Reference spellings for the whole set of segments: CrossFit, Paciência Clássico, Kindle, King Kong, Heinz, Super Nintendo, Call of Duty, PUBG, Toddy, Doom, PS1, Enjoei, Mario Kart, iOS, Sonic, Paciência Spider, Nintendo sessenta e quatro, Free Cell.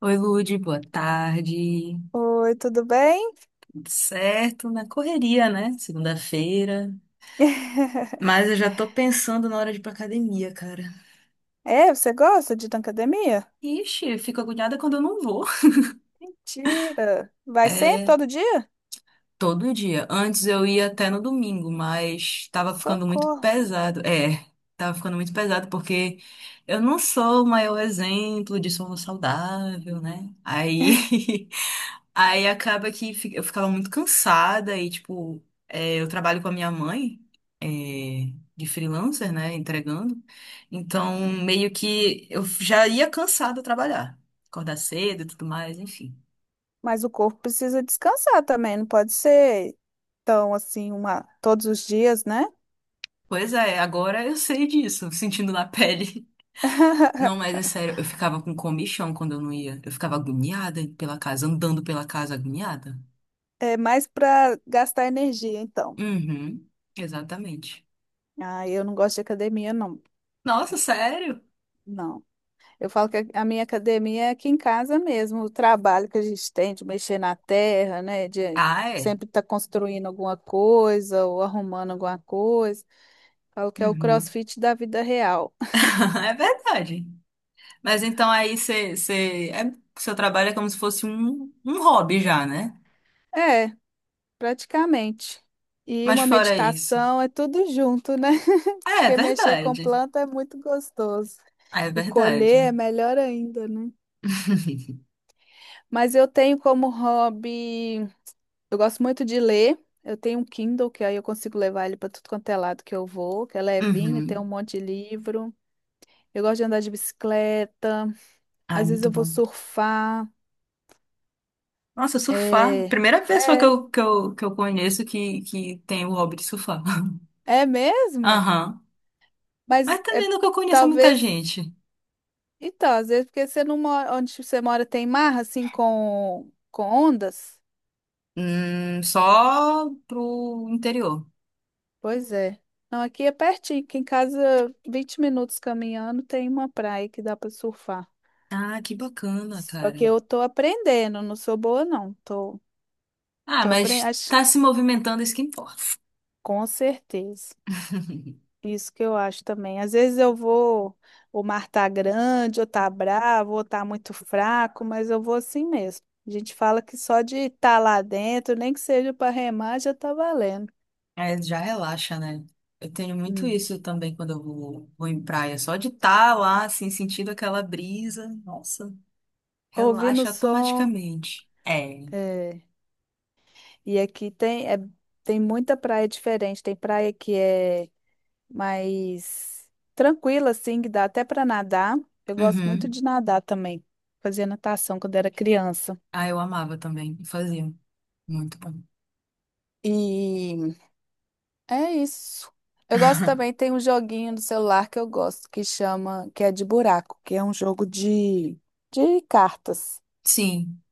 Oi, Lude, boa tarde. Oi, tudo bem? Tudo certo? Na correria, né? Segunda-feira. Mas eu já tô pensando na hora de ir pra academia, cara. É, você gosta de ir na academia? Ixi, eu fico agoniada quando eu não vou. Mentira! Vai sempre, É, todo dia? todo dia. Antes eu ia até no domingo, mas tava ficando muito Socorro! pesado. É, tava ficando muito pesado porque eu não sou o maior exemplo de sono saudável, né? Aí Aí acaba que eu ficava muito cansada e, tipo, eu trabalho com a minha mãe, é, de freelancer, né, entregando. Então, meio que eu já ia cansada trabalhar, acordar cedo e tudo mais, enfim. Mas o corpo precisa descansar também, não pode ser tão assim, uma, todos os dias, né? Pois é, agora eu sei disso, sentindo na pele. Não, mas é sério, eu ficava com comichão quando eu não ia. Eu ficava agoniada pela casa, andando pela casa agoniada. É mais para gastar energia, então. Uhum, exatamente. Ah, eu não gosto de academia, não. Nossa, sério? Não. Eu falo que a minha academia é aqui em casa mesmo, o trabalho que a gente tem de mexer na terra, né? De Ah, é? sempre estar construindo alguma coisa ou arrumando alguma coisa. Falo que é o Uhum. CrossFit da vida real. É verdade. Mas então aí você, seu trabalho é como se fosse um hobby já, né? É, praticamente. E Mas uma fora isso. meditação é tudo junto, né? Ah, é Porque mexer com verdade. planta é muito gostoso. Ah, é E verdade. colher é melhor ainda, né? Mas eu tenho como hobby. Eu gosto muito de ler. Eu tenho um Kindle, que aí eu consigo levar ele para tudo quanto é lado que eu vou, que é levinho, tem um Uhum. monte de livro. Eu gosto de andar de bicicleta. Ai, Às vezes muito eu vou bom. surfar. Nossa, surfar. É, Primeira pessoa que é, eu, que eu, que eu conheço que tem o hobby de surfar. É mesmo? Aham. Mas Mas é, também nunca conheço muita talvez. gente. Então, às vezes, porque você não mora, onde você mora tem mar, assim, com ondas? Só pro interior. Pois é. Não, aqui é pertinho, aqui em casa, 20 minutos caminhando, tem uma praia que dá para surfar. Ah, que bacana, Só que cara. eu tô aprendendo, não sou boa, não. Ah, Tô aprendendo, mas acho, tá se movimentando, isso que importa. com certeza. Isso que eu acho também. Às vezes eu vou, o mar tá grande, ou tá bravo, ou tá muito fraco, mas eu vou assim mesmo. A gente fala que só de estar lá dentro, nem que seja para remar, já tá valendo. É, já relaxa, né? Eu tenho muito Hum. isso também quando eu vou em praia. Só de estar lá, assim, sentindo aquela brisa, nossa, Ouvindo o relaxa som. automaticamente. É. é, E aqui tem, tem muita praia diferente. Tem praia que é mas tranquila, assim, que dá até para nadar. Eu gosto muito Uhum. de nadar também. Fazia natação quando era criança. Ah, eu amava também. Eu fazia. Muito bom. E é isso. Eu gosto também, tem um joguinho no celular que eu gosto, que chama, que é de buraco, que é um jogo de cartas. Sim.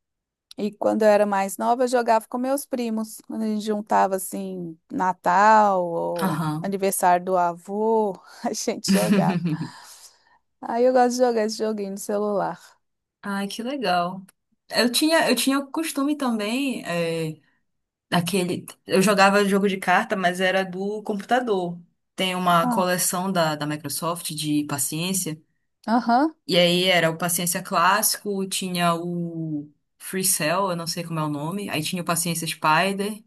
E quando eu era mais nova, eu jogava com meus primos. Quando a gente juntava assim, Natal ou Aham. aniversário do avô, a gente jogava. Aí eu gosto de jogar esse joguinho no celular. Ai, que legal. Eu tinha o costume também, daquele. Eu jogava jogo de carta, mas era do computador. Tem uma Ah, coleção da Microsoft de paciência. aham. E aí era o Paciência Clássico, tinha o Free Cell, eu não sei como é o nome. Aí tinha o Paciência Spider.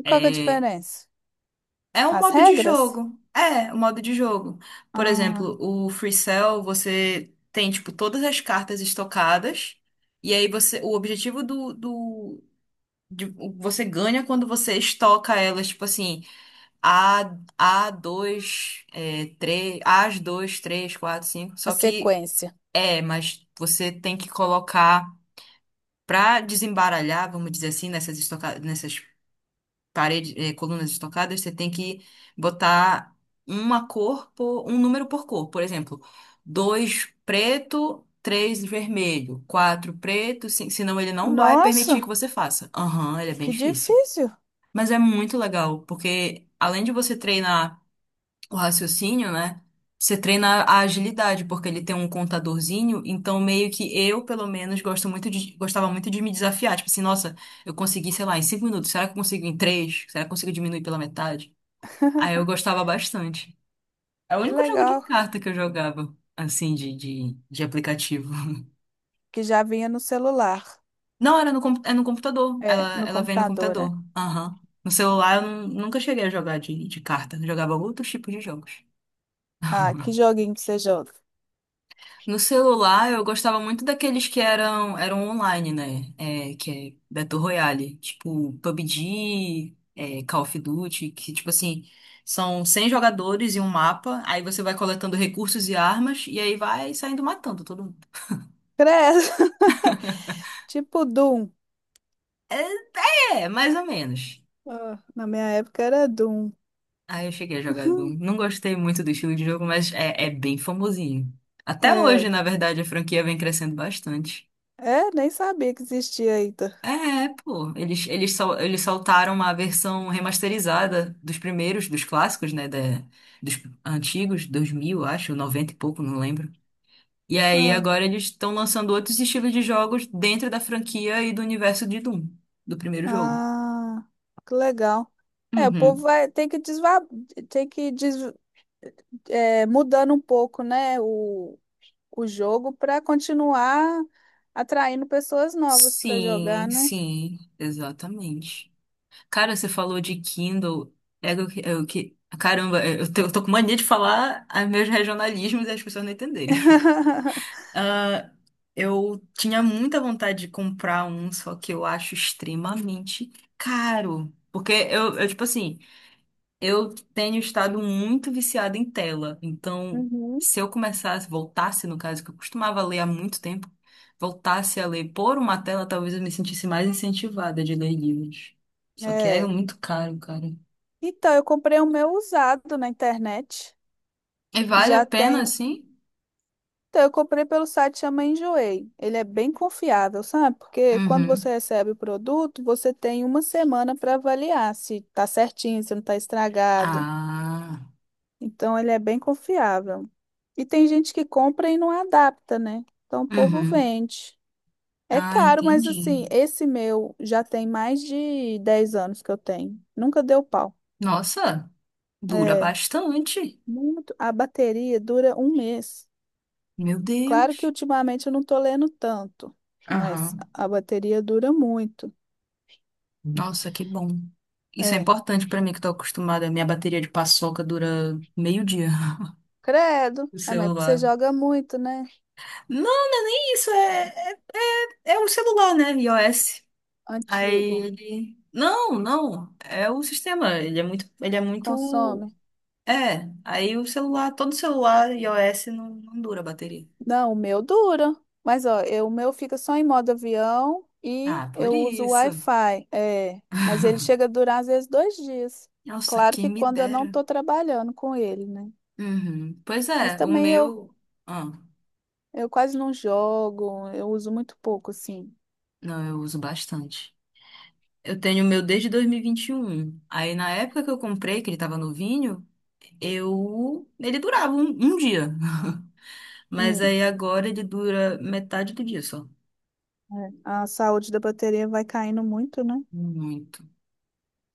E qual que é a É, diferença? é um As modo de regras? jogo. É, um modo de jogo. Por Ah, exemplo, o Free Cell, você tem, tipo, todas as cartas estocadas. E aí você, o objetivo do você ganha quando você estoca elas, tipo assim, A, a dois 3, as dois três quatro cinco. a Só que, sequência. Mas você tem que colocar. Para desembaralhar, vamos dizer assim, nessas paredes, colunas estocadas, você tem que botar uma cor por um número por cor. Por exemplo, dois preto, três vermelho, quatro preto, cinco... senão ele não vai permitir que Nossa, você faça. Aham, ele é bem que difícil. difícil. Mas é muito legal, porque além de você treinar o raciocínio, né? Você treina a agilidade, porque ele tem um contadorzinho, então meio que eu, pelo menos, gostava muito de me desafiar. Tipo assim, nossa, eu consegui, sei lá, em 5 minutos, será que eu consigo em três? Será que eu consigo diminuir pela metade? Aí eu gostava bastante. É o Que único jogo de legal. carta que eu jogava, assim, de aplicativo. Que já vinha no celular. Não, era no, com- é no computador. É, Ela, no ela vem no computador, é. computador. Aham. No celular eu nunca cheguei a jogar de carta. Eu jogava outros tipos de jogos. Ah, que joguinho que você joga. No celular, eu gostava muito daqueles que eram online, né? É, que é Battle Royale, tipo PUBG, Call of Duty, que tipo assim, são 100 jogadores e um mapa, aí você vai coletando recursos e armas, e aí vai saindo matando todo mundo. Credo. Tipo Doom. É, é, mais ou menos. Ah, na minha época era Doom. Aí eu cheguei a jogar, Doom. Não gostei muito do estilo de jogo, mas é bem famosinho. Até hoje, É, na verdade, a franquia vem crescendo bastante. É, nem sabia que existia ainda. É, pô, eles soltaram uma versão remasterizada dos primeiros, dos clássicos, né, dos antigos, 2000, acho, 90 e pouco, não lembro. E aí Ah, agora eles estão lançando outros estilos de jogos dentro da franquia e do universo de Doom, do primeiro jogo. ah, que legal. É, o povo Uhum. vai, tem que desva, tem que des, é, mudando um pouco, né? O jogo para continuar atraindo pessoas novas para jogar, Sim, né? sim, exatamente. Cara, você falou de Kindle, caramba, eu tô com mania de falar meus regionalismos e as pessoas não entenderem. Ah, eu tinha muita vontade de comprar um, só que eu acho extremamente caro. Porque tipo assim, eu tenho estado muito viciada em tela. Então, Uhum. se eu começasse, voltasse, no caso, que eu costumava ler há muito tempo, voltasse a ler por uma tela, talvez eu me sentisse mais incentivada de ler livros. Só que é É. muito caro, cara. Então, eu comprei o meu usado na internet. E vale a Já pena, tem. assim? Então, eu comprei pelo site chama Enjoei. Ele é bem confiável, sabe? Porque quando você Uhum. recebe o produto, você tem uma semana para avaliar se tá certinho, se não tá estragado. Ah. Então, ele é bem confiável. E tem gente que compra e não adapta, né? Então, o povo Uhum. vende. É Ah, caro, mas entendi. assim, esse meu já tem mais de 10 anos que eu tenho. Nunca deu pau. Nossa. Dura É, bastante. muito. A bateria dura um mês. Meu Claro que Deus. ultimamente eu não tô lendo tanto, mas Aham. a bateria dura muito. Nossa, que bom. Isso é É. importante pra mim que tô acostumada. Minha bateria de paçoca dura meio dia, Credo. o É, mas é porque você celular. joga muito, né? Não, isso é o celular, né? iOS. Aí Antigo. ele Não, não, é o sistema, ele é muito Consome. Aí o celular, todo celular iOS não, não dura a bateria. Não, o meu dura. Mas ó, eu- o meu fica só em modo avião e Ah, por eu uso o isso. Wi-Fi. É, mas ele chega a durar às vezes dois dias. Nossa, Claro quem que me quando eu não dera. estou trabalhando com ele, né? Uhum. Pois Mas é, o também eu, meu. Ah. eu quase não jogo, eu uso muito pouco, assim. Não, eu uso bastante. Eu tenho o meu desde dois mil e vinte e um. Aí na época que eu comprei, que ele tava novinho, eu... Ele durava um dia. Mas Hum, aí agora ele dura metade do dia só. é. A saúde da bateria vai caindo muito, né? Muito.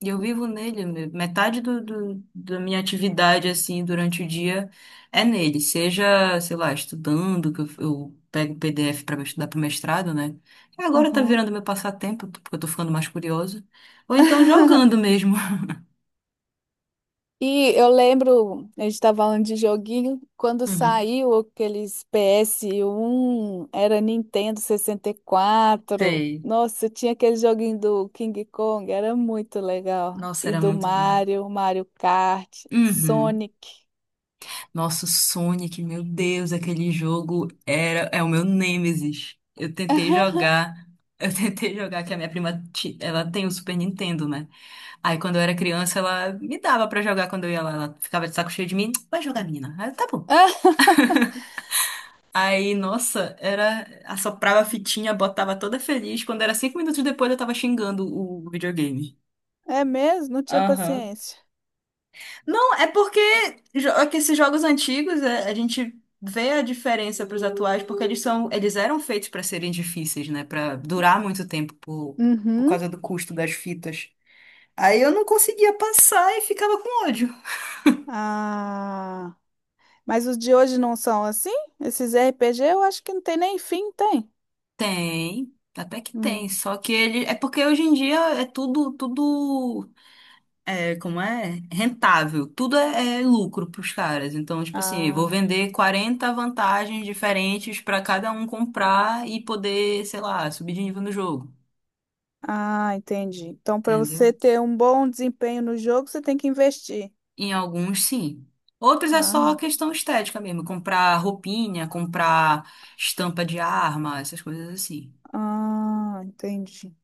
E eu vivo nele, metade da minha atividade, assim, durante o dia é nele. Seja, sei lá, estudando, que eu pego PDF para estudar para mestrado, né? E agora tá Aham. virando meu passatempo, porque eu tô ficando mais curiosa. Ou então jogando mesmo. E eu lembro, a gente estava falando de joguinho, quando Uhum. saiu aqueles PS1, era Nintendo 64. Sei. Nossa, tinha aquele joguinho do King Kong, era muito legal. Nossa, E era do muito bom. Mario, Mario Kart, Uhum. Sonic. Nossa, o Sonic, meu Deus, aquele jogo era é o meu nêmesis. Eu tentei jogar, eu tentei jogar que a minha prima, ela tem o Super Nintendo, né? Aí quando eu era criança, ela me dava pra jogar quando eu ia lá, ela ficava de saco cheio de mim, vai jogar, menina. Aí, eu, tá bom. Aí, nossa, era assoprava a fitinha, botava toda feliz, quando era 5 minutos depois eu tava xingando o videogame. É mesmo? Não tinha Aham. paciência. Não, é porque é que esses jogos antigos, a gente vê a diferença para os atuais, porque eles eram feitos para serem difíceis, né? Para durar muito tempo por Uhum. causa do custo das fitas. Aí eu não conseguia passar e ficava com ódio. Ah, mas os de hoje não são assim? Esses RPG eu acho que não tem nem fim, tem? Tem, até que Hum. tem, só que ele é porque hoje em dia é tudo. É, como é? Rentável. Tudo é lucro pros caras. Então, tipo assim, vou Ah. vender 40 vantagens diferentes pra cada um comprar e poder, sei lá, subir de nível no jogo. Ah, entendi. Então, para Entendeu? você ter um bom desempenho no jogo, você tem que investir. Em alguns, sim. Outros é Ah, só não. questão estética mesmo. Comprar roupinha, comprar estampa de arma, essas coisas assim. Ah, entendi.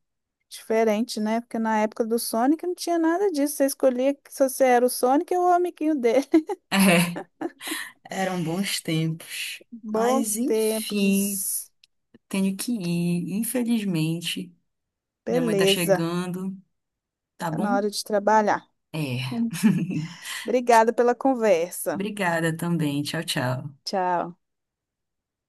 Diferente, né? Porque na época do Sonic não tinha nada disso. Você escolhia que se você era o Sonic ou o amiguinho dele. É, eram bons tempos. Mas, Bons enfim, tempos. tenho que ir. Infelizmente, minha mãe tá Beleza. chegando, tá Tá na bom? hora de trabalhar. É. Obrigada pela conversa. Obrigada também. Tchau, tchau. Tchau.